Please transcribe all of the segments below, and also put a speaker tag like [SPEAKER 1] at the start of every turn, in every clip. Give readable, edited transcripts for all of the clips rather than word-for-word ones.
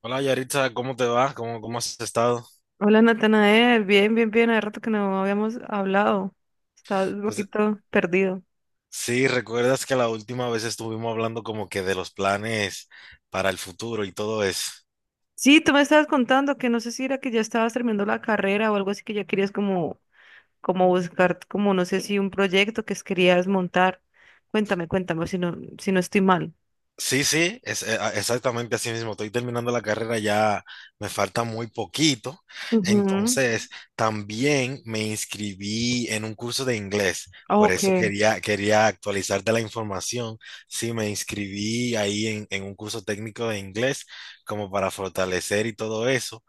[SPEAKER 1] Hola Yaritza, ¿cómo te va? ¿Cómo has estado?
[SPEAKER 2] Hola Natanael, bien, bien, bien, hace rato que no habíamos hablado. Estás un
[SPEAKER 1] Pues
[SPEAKER 2] poquito perdido.
[SPEAKER 1] sí, recuerdas que la última vez estuvimos hablando como que de los planes para el futuro y todo eso.
[SPEAKER 2] Sí, tú me estabas contando que no sé si era que ya estabas terminando la carrera o algo así que ya querías como, como buscar, como no sé si un proyecto que querías montar. Cuéntame, cuéntame, si no estoy mal.
[SPEAKER 1] Sí, sí, exactamente así mismo. Estoy terminando la carrera ya, me falta muy poquito.
[SPEAKER 2] Ujú.
[SPEAKER 1] Entonces, también me inscribí en un curso de inglés. Por eso
[SPEAKER 2] Ok.
[SPEAKER 1] quería actualizarte la información. Sí, me inscribí ahí en un curso técnico de inglés como para fortalecer y todo eso,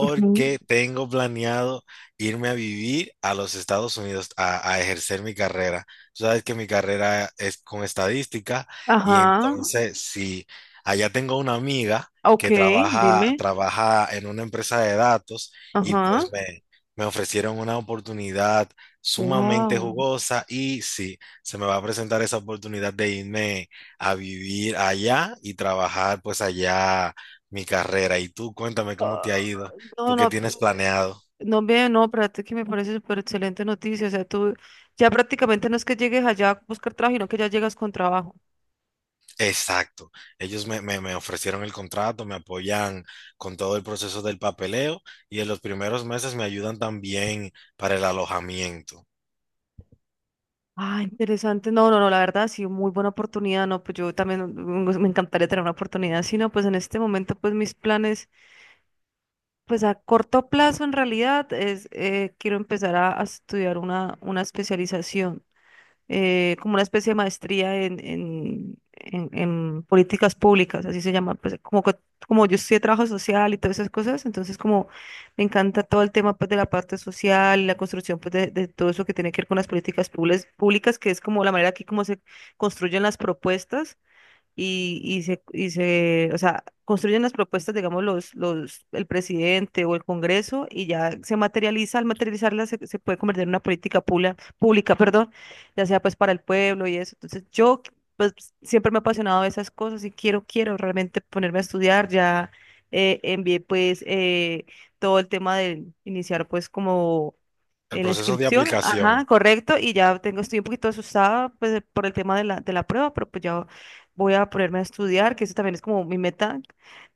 [SPEAKER 2] Ujú.
[SPEAKER 1] tengo planeado irme a vivir a los Estados Unidos a ejercer mi carrera. Tú sabes que mi carrera es con estadística y
[SPEAKER 2] Ajá.
[SPEAKER 1] entonces, si allá tengo una amiga
[SPEAKER 2] Ok,
[SPEAKER 1] que trabaja,
[SPEAKER 2] dime.
[SPEAKER 1] trabaja en una empresa de datos y
[SPEAKER 2] Ajá.
[SPEAKER 1] me ofrecieron una oportunidad sumamente
[SPEAKER 2] Wow.
[SPEAKER 1] jugosa y sí, se me va a presentar esa oportunidad de irme a vivir allá y trabajar pues allá mi carrera. Y tú, cuéntame cómo te ha ido,
[SPEAKER 2] Ah, no,
[SPEAKER 1] tú qué
[SPEAKER 2] no.
[SPEAKER 1] tienes planeado.
[SPEAKER 2] No, bien, no, espérate que me parece súper excelente noticia. O sea, tú ya prácticamente no es que llegues allá a buscar trabajo, sino que ya llegas con trabajo.
[SPEAKER 1] Exacto. Ellos me ofrecieron el contrato, me apoyan con todo el proceso del papeleo y en los primeros meses me ayudan también para el alojamiento.
[SPEAKER 2] Ah, interesante. No, no, no, la verdad, sí, muy buena oportunidad. No, pues yo también me encantaría tener una oportunidad. Si no, pues en este momento, pues mis planes, pues a corto plazo en realidad es, quiero empezar a estudiar una especialización. Como una especie de maestría en políticas públicas, así se llama, pues, como, como yo estudié trabajo social y todas esas cosas, entonces como me encanta todo el tema, pues, de la parte social y la construcción, pues, de todo eso que tiene que ver con las políticas públicas, que es como la manera que como se construyen las propuestas o sea, construyen las propuestas, digamos, el presidente o el Congreso, y ya se materializa. Al materializarla, se puede convertir en una política pública, perdón, ya sea pues para el pueblo y eso. Entonces yo pues siempre me he apasionado de esas cosas y quiero realmente ponerme a estudiar. Ya envié pues todo el tema de iniciar pues como
[SPEAKER 1] El
[SPEAKER 2] en la
[SPEAKER 1] proceso de
[SPEAKER 2] inscripción,
[SPEAKER 1] aplicación
[SPEAKER 2] ajá, correcto, y ya tengo, estoy un poquito asustada, pues, por el tema de la prueba, pero pues ya voy a ponerme a estudiar, que eso también es como mi meta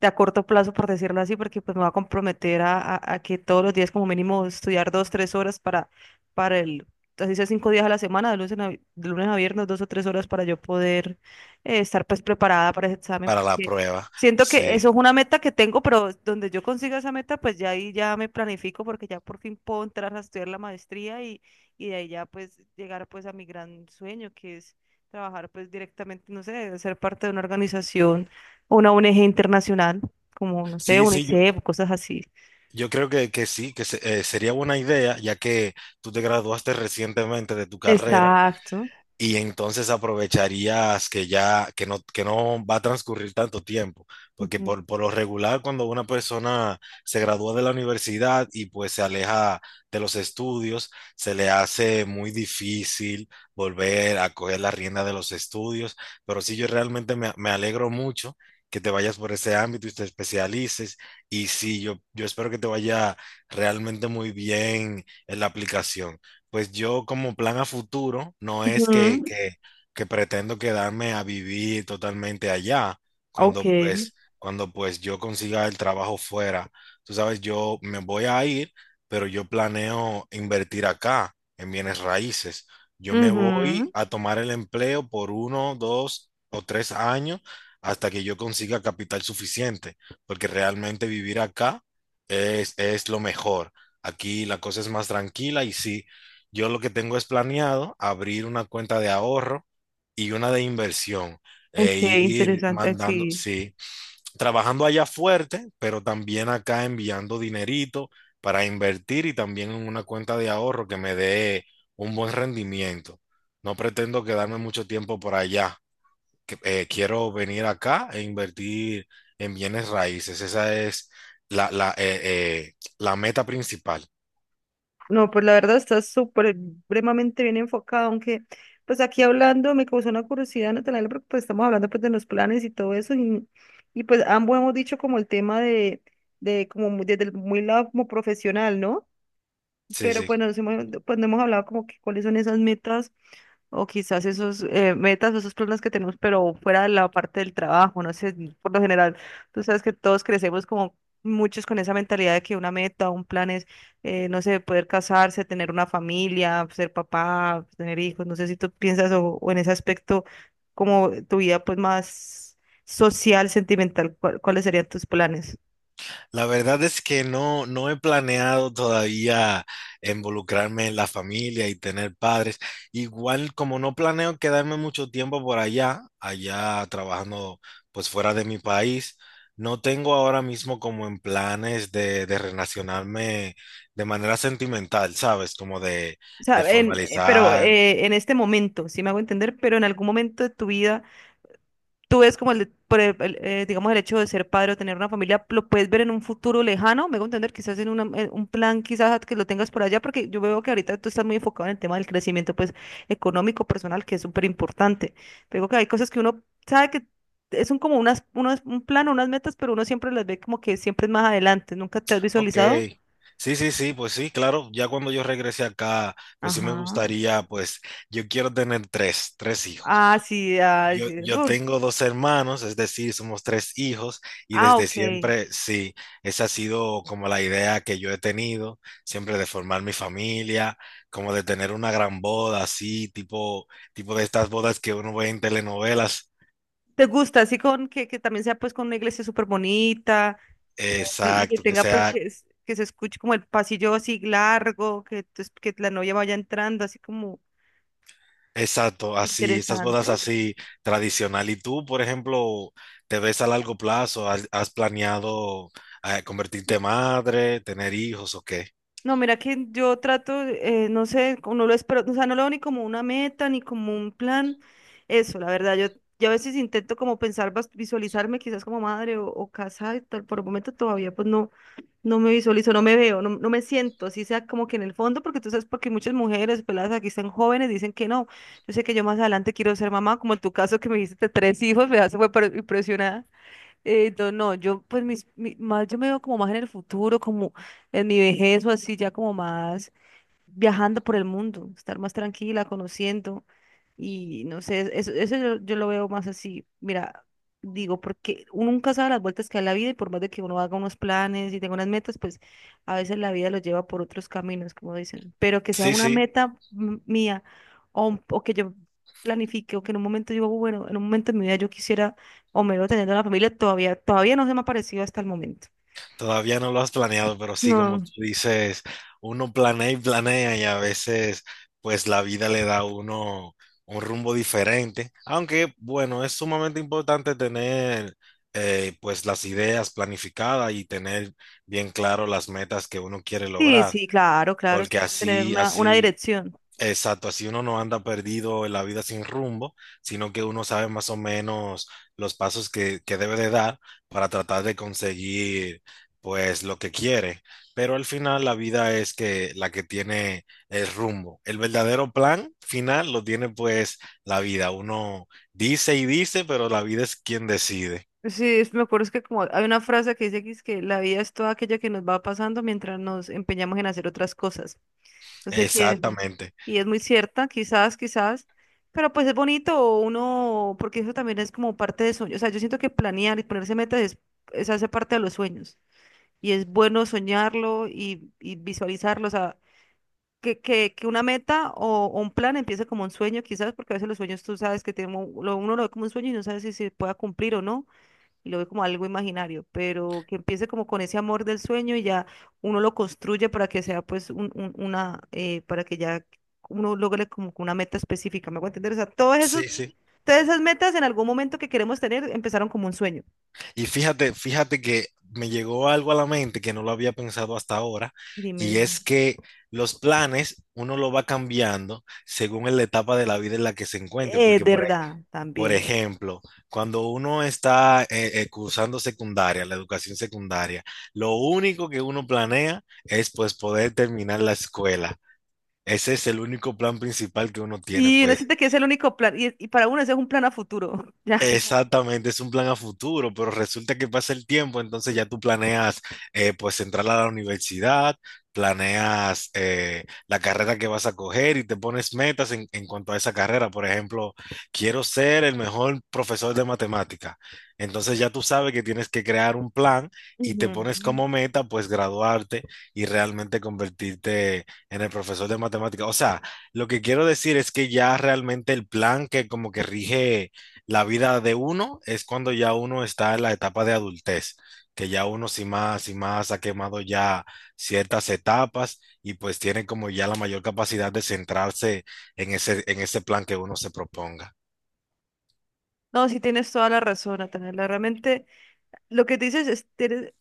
[SPEAKER 2] de a corto plazo, por decirlo así, porque pues me va a comprometer a que todos los días como mínimo estudiar 2, 3 horas para el, así sea 5 días a la semana, de lunes a viernes, 2 o 3 horas para yo poder estar pues preparada para ese examen.
[SPEAKER 1] para la prueba,
[SPEAKER 2] Siento que
[SPEAKER 1] sí.
[SPEAKER 2] eso es una meta que tengo, pero donde yo consiga esa meta, pues ya ahí ya me planifico, porque ya por fin puedo entrar a estudiar la maestría y de ahí ya pues llegar pues a mi gran sueño, que es trabajar pues directamente, no sé, ser parte de una organización, o una ONG internacional, como no sé,
[SPEAKER 1] Sí, sí, yo,
[SPEAKER 2] UNICEF, o cosas así.
[SPEAKER 1] yo creo que sería buena idea, ya que tú te graduaste recientemente de tu carrera
[SPEAKER 2] Exacto.
[SPEAKER 1] y entonces aprovecharías que ya, que no va a transcurrir tanto tiempo, porque
[SPEAKER 2] Ujú.
[SPEAKER 1] por lo regular cuando una persona se gradúa de la universidad y pues se aleja de los estudios, se le hace muy difícil volver a coger la rienda de los estudios, pero sí yo realmente me alegro mucho que te vayas por ese ámbito y te especialices, y sí, yo espero que te vaya realmente muy bien en la aplicación. Pues yo como plan a futuro no es
[SPEAKER 2] Ujú.
[SPEAKER 1] que pretendo quedarme a vivir totalmente allá,
[SPEAKER 2] Ok.
[SPEAKER 1] cuando pues yo consiga el trabajo fuera. Tú sabes, yo me voy a ir, pero yo planeo invertir acá en bienes raíces. Yo me voy
[SPEAKER 2] Ujú.
[SPEAKER 1] a tomar el empleo por uno, dos o tres años hasta que yo consiga capital suficiente, porque realmente vivir acá es lo mejor. Aquí la cosa es más tranquila y sí, yo lo que tengo es planeado abrir una cuenta de ahorro y una de inversión
[SPEAKER 2] Ok,
[SPEAKER 1] e ir
[SPEAKER 2] interesante,
[SPEAKER 1] mandando,
[SPEAKER 2] sí.
[SPEAKER 1] sí, trabajando allá fuerte, pero también acá enviando dinerito para invertir y también en una cuenta de ahorro que me dé un buen rendimiento. No pretendo quedarme mucho tiempo por allá. Quiero venir acá e invertir en bienes raíces. Esa es la, la, eh, la meta principal.
[SPEAKER 2] No, pues la verdad está súper, supremamente bien enfocado, aunque pues aquí hablando me causó una curiosidad, Natalia, porque pues estamos hablando pues de los planes y todo eso, y pues ambos hemos dicho como el tema de como desde el muy lado como profesional, ¿no?
[SPEAKER 1] Sí,
[SPEAKER 2] Pero
[SPEAKER 1] sí.
[SPEAKER 2] pues, nos hemos, pues no hemos hablado como que cuáles son esas metas o quizás esos metas o esos planes que tenemos, pero fuera de la parte del trabajo, no sé, por lo general, tú sabes que todos crecemos como muchos con esa mentalidad de que una meta, un plan es, no sé, poder casarse, tener una familia, ser papá, tener hijos. No sé si tú piensas o en ese aspecto como tu vida pues más social, sentimental. ¿Cuáles serían tus planes?
[SPEAKER 1] La verdad es que no, no he planeado todavía involucrarme en la familia y tener padres. Igual como no planeo quedarme mucho tiempo por allá, allá trabajando pues fuera de mi país, no tengo ahora mismo como en planes de relacionarme de manera sentimental, ¿sabes? Como
[SPEAKER 2] O sea,
[SPEAKER 1] de
[SPEAKER 2] en, pero
[SPEAKER 1] formalizar.
[SPEAKER 2] en este momento, si me hago entender, pero en algún momento de tu vida tú ves como el, de- por el, digamos, el hecho de ser padre o tener una familia, lo puedes ver en un futuro lejano, me hago entender, quizás en en un plan, quizás que lo tengas por allá, porque yo veo que ahorita tú estás muy enfocado en el tema del crecimiento, pues, económico, personal, que es súper importante. Pero que hay cosas que uno sabe que es un, como unas, unos, un plan, unas metas, pero uno siempre las ve como que siempre es más adelante. ¿Nunca te has
[SPEAKER 1] Ok.
[SPEAKER 2] visualizado?
[SPEAKER 1] Sí, sí, sí, pues sí, claro, ya cuando yo regrese acá, pues sí me
[SPEAKER 2] Ajá.
[SPEAKER 1] gustaría, pues yo quiero tener tres hijos.
[SPEAKER 2] Ah, sí, ah,
[SPEAKER 1] Yo,
[SPEAKER 2] sí.
[SPEAKER 1] yo
[SPEAKER 2] Uf.
[SPEAKER 1] tengo dos hermanos, es decir, somos tres hijos y
[SPEAKER 2] Ah,
[SPEAKER 1] desde
[SPEAKER 2] ok.
[SPEAKER 1] siempre, sí, esa ha sido como la idea que yo he tenido, siempre de formar mi familia, como de tener una gran boda, así, tipo de estas bodas que uno ve en telenovelas,
[SPEAKER 2] ¿Te gusta? Así con que también sea pues con una iglesia súper bonita que, y que
[SPEAKER 1] exacto, que
[SPEAKER 2] tenga pues
[SPEAKER 1] sea
[SPEAKER 2] que, que se escuche como el pasillo así largo, que, que la novia vaya entrando así como
[SPEAKER 1] exacto, así, esas bodas
[SPEAKER 2] interesante.
[SPEAKER 1] así tradicional. ¿Y tú, por ejemplo, te ves a largo plazo? ¿Has planeado convertirte en madre, tener hijos o qué?
[SPEAKER 2] No, mira que yo trato, no sé, como no lo espero, o sea, no lo veo ni como una meta, ni como un plan, eso, la verdad, yo a veces intento como pensar, visualizarme quizás como madre o casa y tal. Por el momento todavía pues no, no me visualizo, no me veo, no, no me siento, así sea como que en el fondo, porque tú sabes, porque muchas mujeres peladas aquí están jóvenes, dicen que no, yo sé que yo más adelante quiero ser mamá, como en tu caso que me dijiste tres hijos, me hace fue impresionada. No, no, yo pues mis, más yo me veo como más en el futuro, como en mi vejez o así, ya como más, viajando por el mundo, estar más tranquila, conociendo y no sé, eso yo lo veo más así, mira, digo, porque uno nunca sabe las vueltas que da la vida, y por más de que uno haga unos planes y tenga unas metas, pues a veces la vida lo lleva por otros caminos, como dicen, pero que sea
[SPEAKER 1] Sí,
[SPEAKER 2] una
[SPEAKER 1] sí.
[SPEAKER 2] meta mía o que yo planifique o que en un momento digo, bueno, en un momento de mi vida yo quisiera o me veo teniendo una familia, todavía, todavía no se me ha parecido hasta el momento.
[SPEAKER 1] Todavía no lo has planeado, pero sí, como
[SPEAKER 2] No,
[SPEAKER 1] tú dices, uno planea y planea y a veces pues la vida le da a uno un rumbo diferente. Aunque bueno, es sumamente importante tener pues las ideas planificadas y tener bien claro las metas que uno quiere
[SPEAKER 2] sí,
[SPEAKER 1] lograr,
[SPEAKER 2] sí, claro, claro, es
[SPEAKER 1] porque
[SPEAKER 2] como tener
[SPEAKER 1] así,
[SPEAKER 2] una
[SPEAKER 1] así
[SPEAKER 2] dirección.
[SPEAKER 1] exacto, así uno no anda perdido en la vida sin rumbo, sino que uno sabe más o menos los pasos que debe de dar para tratar de conseguir pues lo que quiere. Pero al final la vida es que la que tiene el rumbo. El verdadero plan final lo tiene pues la vida. Uno dice y dice, pero la vida es quien decide.
[SPEAKER 2] Sí, me acuerdo es que como hay una frase que dice que, es que la vida es toda aquella que nos va pasando mientras nos empeñamos en hacer otras cosas. No sé quién es.
[SPEAKER 1] Exactamente.
[SPEAKER 2] Y es muy cierta, quizás, quizás, pero pues es bonito uno, porque eso también es como parte de sueño. O sea, yo siento que planear y ponerse metas es hace parte de los sueños. Y es bueno soñarlo y visualizarlo. O sea, que una meta o un plan empiece como un sueño, quizás, porque a veces los sueños tú sabes que tiene, uno lo ve como un sueño y no sabes si se pueda cumplir o no, y lo ve como algo imaginario, pero que empiece como con ese amor del sueño y ya uno lo construye para que sea pues una, para que ya uno logre como que una meta específica, ¿me hago entender? O sea, todos esos,
[SPEAKER 1] Sí, sí.
[SPEAKER 2] todas esas metas en algún momento que queremos tener empezaron como un sueño.
[SPEAKER 1] Y fíjate que me llegó algo a la mente que no lo había pensado hasta ahora,
[SPEAKER 2] Dime,
[SPEAKER 1] y
[SPEAKER 2] dime.
[SPEAKER 1] es que los planes uno lo va cambiando según en la etapa de la vida en la que se encuentre,
[SPEAKER 2] Es verdad,
[SPEAKER 1] por
[SPEAKER 2] también.
[SPEAKER 1] ejemplo, cuando uno está cursando secundaria, la educación secundaria, lo único que uno planea es pues poder terminar la escuela. Ese es el único plan principal que uno tiene,
[SPEAKER 2] Y uno
[SPEAKER 1] pues
[SPEAKER 2] siente que es el único plan, y para uno ese es un plan a futuro, ya.
[SPEAKER 1] exactamente, es un plan a futuro, pero resulta que pasa el tiempo, entonces ya tú planeas pues entrar a la universidad, planeas la carrera que vas a coger y te pones metas en cuanto a esa carrera. Por ejemplo, quiero ser el mejor profesor de matemática. Entonces ya tú sabes que tienes que crear un plan y te
[SPEAKER 2] Ujú.
[SPEAKER 1] pones como meta pues graduarte y realmente convertirte en el profesor de matemática. O sea, lo que quiero decir es que ya realmente el plan que como que rige la vida de uno es cuando ya uno está en la etapa de adultez, que ya uno sin más ha quemado ya ciertas etapas y pues tiene como ya la mayor capacidad de centrarse en ese plan que uno se proponga.
[SPEAKER 2] No, sí tienes toda la razón, Natalia. Realmente lo que dices es,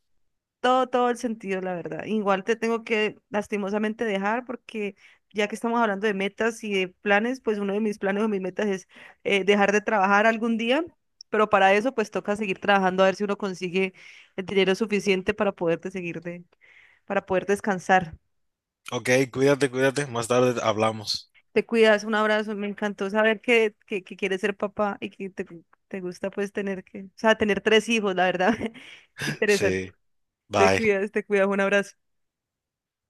[SPEAKER 2] todo, todo el sentido, la verdad. Igual te tengo que lastimosamente dejar porque ya que estamos hablando de metas y de planes, pues uno de mis planes o mis metas es dejar de trabajar algún día, pero para eso pues toca seguir trabajando a ver si uno consigue el dinero suficiente para poderte seguir de, para poder descansar.
[SPEAKER 1] Ok, cuídate, cuídate. Más tarde hablamos.
[SPEAKER 2] Te cuidas, un abrazo, me encantó saber que quieres ser papá y que te gusta pues tener que, o sea, tener tres hijos, la verdad. Interesante.
[SPEAKER 1] Sí, bye.
[SPEAKER 2] Te cuidas, un abrazo.